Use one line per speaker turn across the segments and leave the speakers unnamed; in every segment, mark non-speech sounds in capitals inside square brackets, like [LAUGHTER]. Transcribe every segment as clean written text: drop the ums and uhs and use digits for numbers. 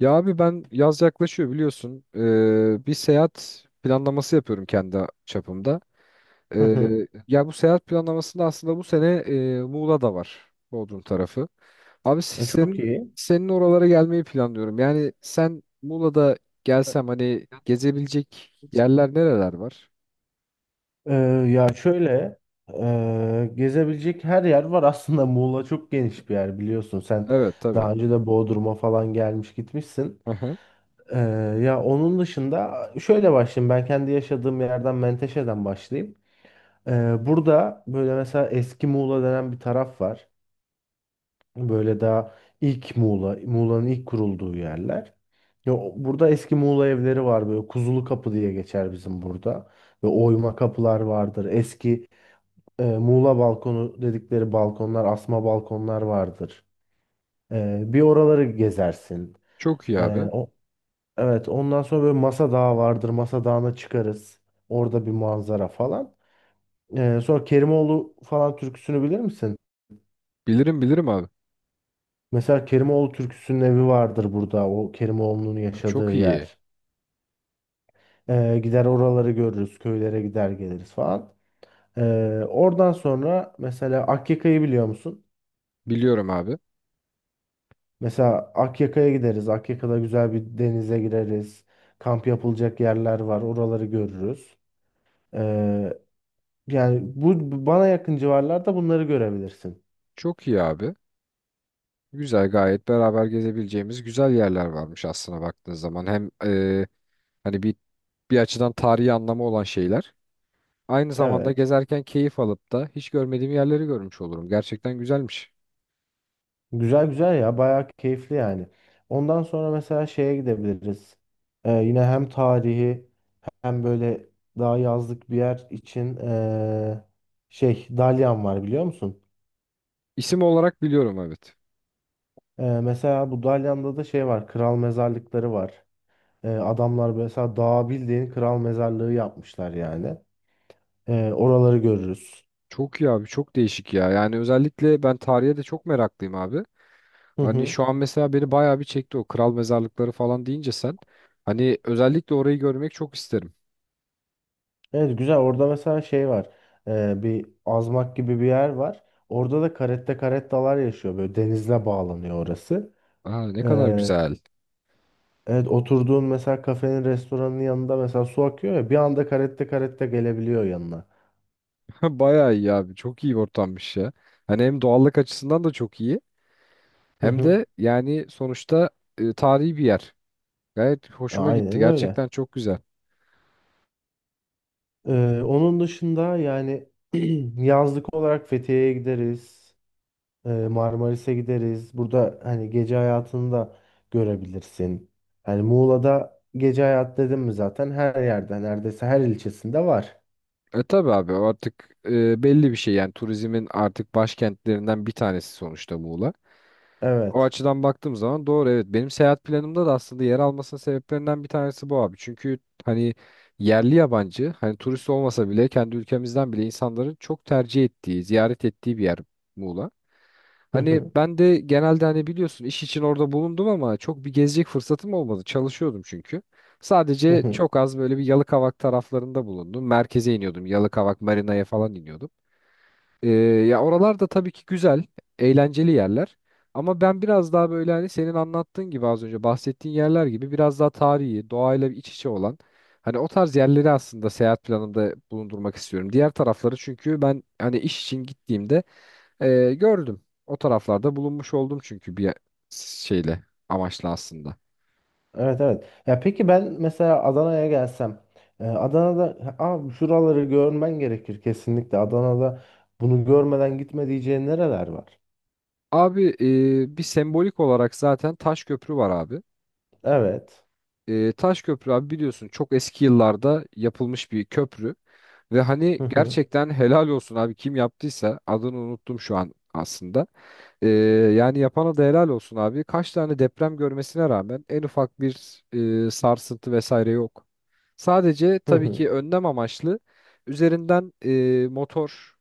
Ya abi ben yaz yaklaşıyor biliyorsun. Bir seyahat planlaması yapıyorum kendi çapımda.
Hı hı.
Ya bu seyahat planlamasında aslında bu sene Muğla da var. Bodrum tarafı. Abi
Çok
senin
iyi.
senin oralara gelmeyi planlıyorum. Yani sen Muğla'da gelsem hani gezebilecek yerler nereler var?
Ee, Şöyle gezebilecek her yer var aslında [LAUGHS] Muğla çok geniş bir yer biliyorsun sen
Evet, tabii.
daha önce de Bodrum'a falan gelmiş gitmişsin.
Aha.
Ee, Onun dışında şöyle başlayayım, ben kendi yaşadığım yerden Menteşe'den başlayayım. Burada böyle mesela eski Muğla denen bir taraf var. Böyle daha ilk Muğla, Muğla'nın ilk kurulduğu yerler. Burada eski Muğla evleri var, böyle Kuzulu Kapı diye geçer bizim burada. Ve oyma kapılar vardır. Eski Muğla balkonu dedikleri balkonlar, asma balkonlar vardır. Bir oraları gezersin.
Çok iyi
E,
abi.
o, evet, ondan sonra böyle Masa Dağı vardır. Masa Dağı'na çıkarız. Orada bir manzara falan. Sonra Kerimoğlu falan türküsünü bilir misin?
Bilirim bilirim abi.
Mesela Kerimoğlu türküsünün evi vardır burada. O Kerimoğlu'nun
Çok
yaşadığı
iyi.
yer. Gider oraları görürüz. Köylere gider geliriz falan. Oradan sonra mesela Akyaka'yı biliyor musun?
Biliyorum abi.
Mesela Akyaka'ya gideriz. Akyaka'da güzel bir denize gireriz. Kamp yapılacak yerler var. Oraları görürüz. Ee, Yani bana yakın civarlarda bunları görebilirsin.
Çok iyi abi. Güzel, gayet beraber gezebileceğimiz güzel yerler varmış aslına baktığınız zaman. Hem hani bir açıdan tarihi anlamı olan şeyler. Aynı zamanda
Evet.
gezerken keyif alıp da hiç görmediğim yerleri görmüş olurum. Gerçekten güzelmiş.
Güzel güzel ya. Bayağı keyifli yani. Ondan sonra mesela şeye gidebiliriz. Yine hem tarihi, hem böyle daha yazlık bir yer için şey, dalyan var biliyor musun?
İsim olarak biliyorum, evet.
Mesela bu dalyanda da şey var. Kral mezarlıkları var. Adamlar mesela dağa bildiğin kral mezarlığı yapmışlar yani. Oraları görürüz.
Çok iyi abi, çok değişik ya. Yani özellikle ben tarihe de çok meraklıyım abi.
Hı
Hani
hı.
şu an mesela beni bayağı bir çekti o kral mezarlıkları falan deyince sen. Hani özellikle orayı görmek çok isterim.
Evet, güzel. Orada mesela şey var. Bir azmak gibi bir yer var. Orada da caretta carettalar yaşıyor. Böyle denizle bağlanıyor orası.
Aa, ne kadar güzel.
Evet, oturduğun mesela kafenin, restoranın yanında mesela su akıyor ya, bir anda karette karette gelebiliyor yanına.
[LAUGHS] Ha, bayağı iyi abi. Çok iyi bir ortammış ya. Hani hem doğallık açısından da çok iyi.
Hı
Hem
hı.
de yani sonuçta tarihi bir yer. Gayet hoşuma gitti.
Aynen öyle.
Gerçekten çok güzel.
Onun dışında yani [CLEARS THROAT] yazlık olarak Fethiye'ye gideriz. Marmaris'e gideriz. Burada hani gece hayatını da görebilirsin. Hani Muğla'da gece hayat dedim mi zaten her yerde, neredeyse her ilçesinde var.
Tabi abi, o artık belli bir şey, yani turizmin artık başkentlerinden bir tanesi sonuçta Muğla. O
Evet.
açıdan baktığım zaman doğru, evet. Benim seyahat planımda da aslında yer almasının sebeplerinden bir tanesi bu abi. Çünkü hani yerli yabancı hani turist olmasa bile kendi ülkemizden bile insanların çok tercih ettiği, ziyaret ettiği bir yer Muğla. Hani
[LAUGHS]
ben de genelde hani biliyorsun iş için orada bulundum ama çok bir gezecek fırsatım olmadı. Çalışıyordum çünkü.
Hı
Sadece
hı.
çok az böyle bir Yalıkavak taraflarında bulundum. Merkeze iniyordum. Yalıkavak, Marina'ya falan iniyordum. Ee, Ya oralar da tabii ki güzel, eğlenceli yerler. Ama ben biraz daha böyle hani senin anlattığın gibi az önce bahsettiğin yerler gibi biraz daha tarihi, doğayla iç içe olan hani o tarz yerleri aslında seyahat planımda bulundurmak istiyorum. Diğer tarafları çünkü ben hani iş için gittiğimde gördüm. O taraflarda bulunmuş oldum çünkü bir şeyle amaçla aslında.
Evet, evet. Ya peki, ben mesela Adana'ya gelsem, Adana'da aa şuraları görmen gerekir kesinlikle. Adana'da bunu görmeden gitme diyeceğin nereler var?
Abi bir sembolik olarak zaten Taş Köprü var abi.
Evet.
Taş Köprü abi biliyorsun çok eski yıllarda yapılmış bir köprü. Ve
Hı
hani
hı.
gerçekten helal olsun abi kim yaptıysa adını unuttum şu an aslında. E, Yani yapana da helal olsun abi. Kaç tane deprem görmesine rağmen en ufak bir sarsıntı vesaire yok. Sadece
Hı
tabii
hı.
ki önlem amaçlı üzerinden motor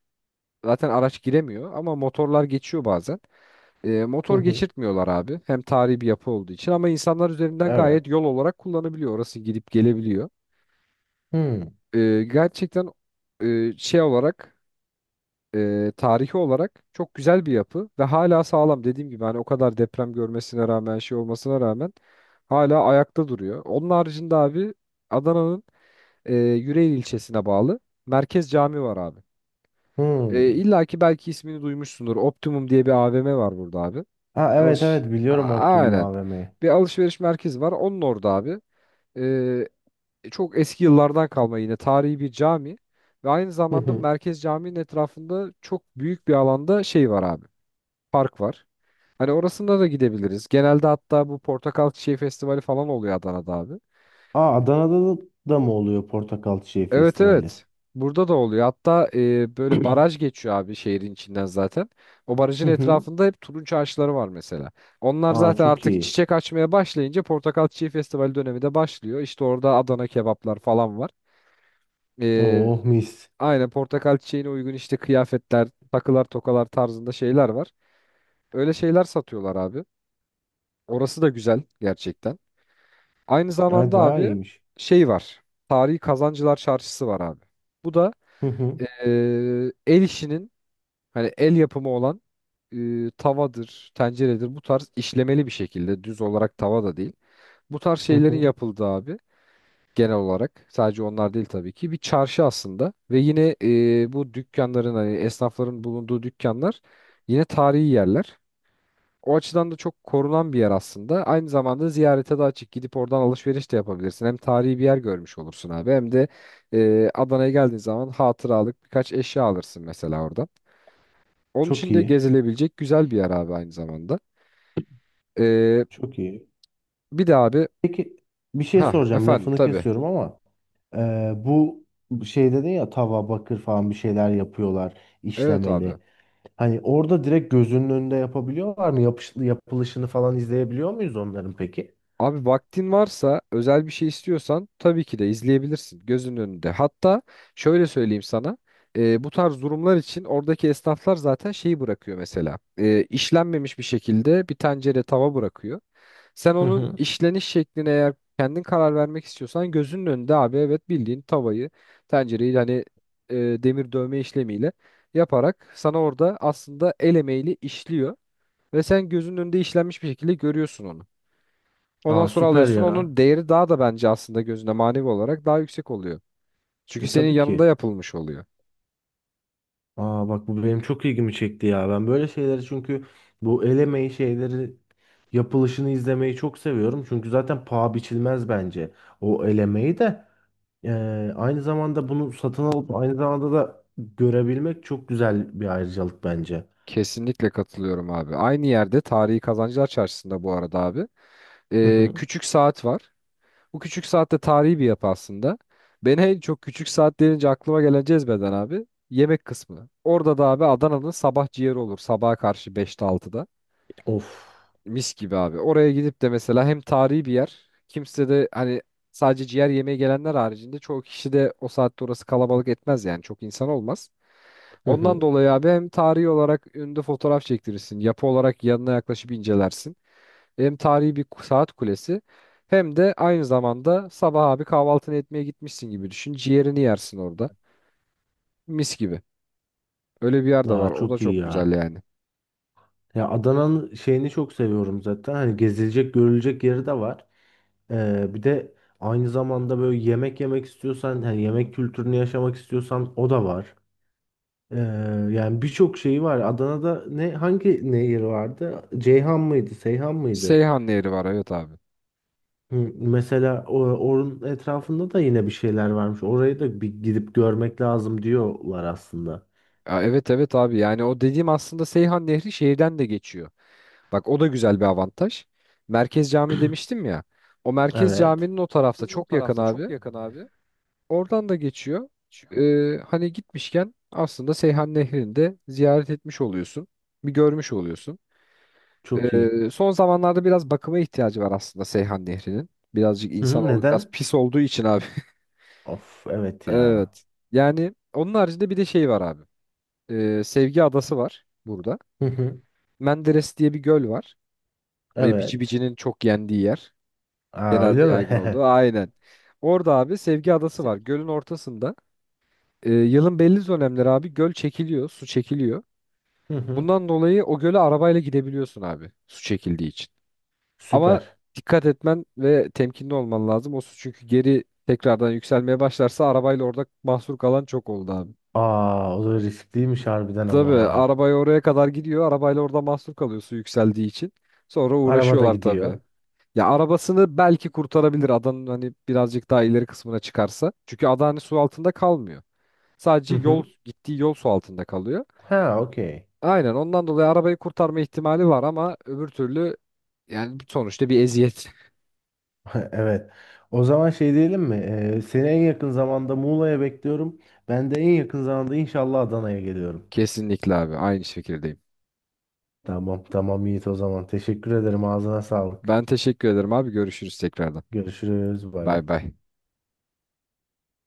zaten araç giremiyor ama motorlar geçiyor bazen.
Hı
Motor
hı.
geçirtmiyorlar abi. Hem tarihi bir yapı olduğu için ama insanlar üzerinden
Evet.
gayet yol olarak kullanabiliyor. Orası gidip gelebiliyor.
Hı
E, Gerçekten şey olarak tarihi olarak çok güzel bir yapı ve hala sağlam. Dediğim gibi hani o kadar deprem görmesine rağmen şey olmasına rağmen hala ayakta duruyor. Onun haricinde abi Adana'nın Yüreğir ilçesine bağlı Merkez Cami var abi.
hı.
İlla ki belki ismini duymuşsundur. Optimum diye bir AVM var burada abi.
Ha evet, evet, biliyorum Optimum
Aynen.
AVM'yi.
Bir alışveriş merkezi var. Onun orada abi. Ee, Çok eski yıllardan kalma yine tarihi bir cami ve aynı
Hı
zamanda
hı.
merkez caminin etrafında çok büyük bir alanda şey var abi. Park var. Hani orasında da gidebiliriz. Genelde hatta bu portakal çiçeği festivali falan oluyor Adana'da abi.
Aa Adana'da da mı oluyor Portakal Çiçeği
Evet,
Festivali?
evet. Burada da oluyor. Hatta böyle
[CLEARS THROAT]
baraj geçiyor abi şehrin içinden zaten. O
Hı
barajın
hı.
etrafında hep turunç ağaçları var mesela. Onlar
Aa
zaten
çok
artık
iyi.
çiçek açmaya başlayınca Portakal Çiçeği Festivali dönemi de başlıyor. İşte orada Adana kebaplar falan var. E,
Oh mis.
aynen portakal çiçeğine uygun işte kıyafetler, takılar, tokalar tarzında şeyler var. Öyle şeyler satıyorlar abi. Orası da güzel gerçekten. Aynı
Evet,
zamanda
bayağı
abi
iyiymiş.
şey var. Tarihi Kazancılar Çarşısı var abi. Bu da
Hı hı.
el işinin, hani el yapımı olan tavadır, tenceredir, bu tarz işlemeli bir şekilde düz olarak tava da değil. Bu tarz
Hı
şeylerin
hı.
yapıldığı abi, genel olarak sadece onlar değil tabii ki, bir çarşı aslında ve yine bu dükkanların, hani esnafların bulunduğu dükkanlar yine tarihi yerler. O açıdan da çok korunan bir yer aslında. Aynı zamanda ziyarete de açık. Gidip oradan alışveriş de yapabilirsin. Hem tarihi bir yer görmüş olursun abi, hem de Adana'ya geldiğin zaman hatıralık birkaç eşya alırsın mesela orada. Onun
Çok
için de
iyi.
gezilebilecek güzel bir yer abi aynı zamanda. Ee,
Çok iyi.
Bir de abi,
Peki, bir şey
ha
soracağım,
efendim,
lafını
tabii.
kesiyorum ama bu şey dedin ya, tava, bakır falan bir şeyler yapıyorlar,
Evet abi.
işlemeli. Hani orada direkt gözünün önünde yapabiliyorlar mı? Yapılışını falan izleyebiliyor muyuz onların peki?
Abi vaktin varsa özel bir şey istiyorsan tabii ki de izleyebilirsin gözünün önünde. Hatta şöyle söyleyeyim sana. Bu tarz durumlar için oradaki esnaflar zaten şeyi bırakıyor mesela. İşlenmemiş bir şekilde bir tencere tava bırakıyor. Sen
Hı
onun
hı.
işleniş şekline eğer kendin karar vermek istiyorsan gözünün önünde abi, evet, bildiğin tavayı, tencereyi hani demir dövme işlemiyle yaparak sana orada aslında el emeğiyle işliyor ve sen gözünün önünde işlenmiş bir şekilde görüyorsun onu. Ondan
Aa
sonra
süper
alıyorsun,
ya.
onun değeri daha da bence aslında gözünde manevi olarak daha yüksek oluyor. Çünkü
E,
senin
tabii
yanında
ki.
yapılmış oluyor.
Aa bak, bu benim çok ilgimi çekti ya. Ben böyle şeyleri, çünkü bu el emeği şeyleri, yapılışını izlemeyi çok seviyorum. Çünkü zaten paha biçilmez bence o el emeği de. Aynı zamanda bunu satın alıp aynı zamanda da görebilmek çok güzel bir ayrıcalık bence.
Kesinlikle katılıyorum abi. Aynı yerde Tarihi Kazancılar Çarşısı'nda bu arada abi,
Hı hı.
küçük saat var. Bu küçük saatte tarihi bir yapı aslında. Beni en çok küçük saat denince aklıma gelen cezbeden abi yemek kısmı. Orada da abi Adana'nın sabah ciğeri olur. Sabaha karşı 5'te 6'da
Of.
mis gibi abi. Oraya gidip de mesela hem tarihi bir yer. Kimse de hani sadece ciğer yemeye gelenler haricinde, çoğu kişi de o saatte orası kalabalık etmez yani. Çok insan olmaz.
Hı
Ondan
hı.
dolayı abi hem tarihi olarak önünde fotoğraf çektirirsin. Yapı olarak yanına yaklaşıp incelersin. Hem tarihi bir saat kulesi, hem de aynı zamanda sabah abi kahvaltını etmeye gitmişsin gibi düşün. Ciğerini yersin orada. Mis gibi. Öyle bir yer de
Aa,
var. O da
çok iyi
çok güzel
ya.
yani.
Ya Adana'nın şeyini çok seviyorum zaten. Hani gezilecek, görülecek yeri de var. Bir de aynı zamanda böyle yemek yemek istiyorsan, hani yemek kültürünü yaşamak istiyorsan, o da var. Ee, Yani birçok şeyi var. Adana'da ne, hangi nehir vardı? Ceyhan mıydı? Seyhan mıydı?
Seyhan Nehri var, evet abi.
Hı, mesela onun etrafında da yine bir şeyler varmış. Orayı da bir gidip görmek lazım diyorlar aslında.
Ya evet, evet abi. Yani o dediğim aslında Seyhan Nehri şehirden de geçiyor. Bak o da güzel bir avantaj. Merkez Cami demiştim ya. O Merkez
Evet.
Cami'nin o tarafta çok yakın abi. Oradan da geçiyor. Hani gitmişken aslında Seyhan Nehri'ni de ziyaret etmiş oluyorsun. Bir görmüş oluyorsun.
Çok iyi.
Son zamanlarda biraz bakıma ihtiyacı var aslında Seyhan Nehri'nin. Birazcık
Hı hı,
insanoğlu biraz
neden?
pis olduğu için abi. [LAUGHS]
Of, evet ya.
Evet. Yani onun haricinde bir de şey var abi. Sevgi Adası var burada.
Hı hı,
Menderes diye bir göl var. Bici
evet.
Bici'nin çok yendiği yer.
Aa öyle
Genelde
mi?
yaygın olduğu.
[LAUGHS]
Aynen. Orada abi Sevgi Adası var. Gölün ortasında. Yılın belli dönemleri abi göl çekiliyor. Su çekiliyor.
Hı hı.
Bundan dolayı o göle arabayla gidebiliyorsun abi. Su çekildiği için. Ama
Süper.
dikkat etmen ve temkinli olman lazım. O su çünkü geri tekrardan yükselmeye başlarsa arabayla orada mahsur kalan çok oldu abi.
Aa o da riskliymiş harbiden ama.
Tabii arabayı oraya kadar gidiyor. Arabayla orada mahsur kalıyor su yükseldiği için. Sonra
Araba da
uğraşıyorlar tabii.
gidiyor.
Ya arabasını belki kurtarabilir adanın hani birazcık daha ileri kısmına çıkarsa. Çünkü ada hani su altında kalmıyor.
Hı
Sadece yol,
hı.
gittiği yol su altında kalıyor.
Ha okey.
Aynen, ondan dolayı arabayı kurtarma ihtimali var ama öbür türlü yani sonuçta bir eziyet.
[LAUGHS] Evet. O zaman şey diyelim mi? Seni en yakın zamanda Muğla'ya bekliyorum. Ben de en yakın zamanda inşallah Adana'ya geliyorum.
[LAUGHS] Kesinlikle abi, aynı şekilde.
Tamam tamam Yiğit, o zaman. Teşekkür ederim. Ağzına sağlık.
Ben teşekkür ederim abi. Görüşürüz tekrardan.
Görüşürüz. Bay bay.
Bay bay.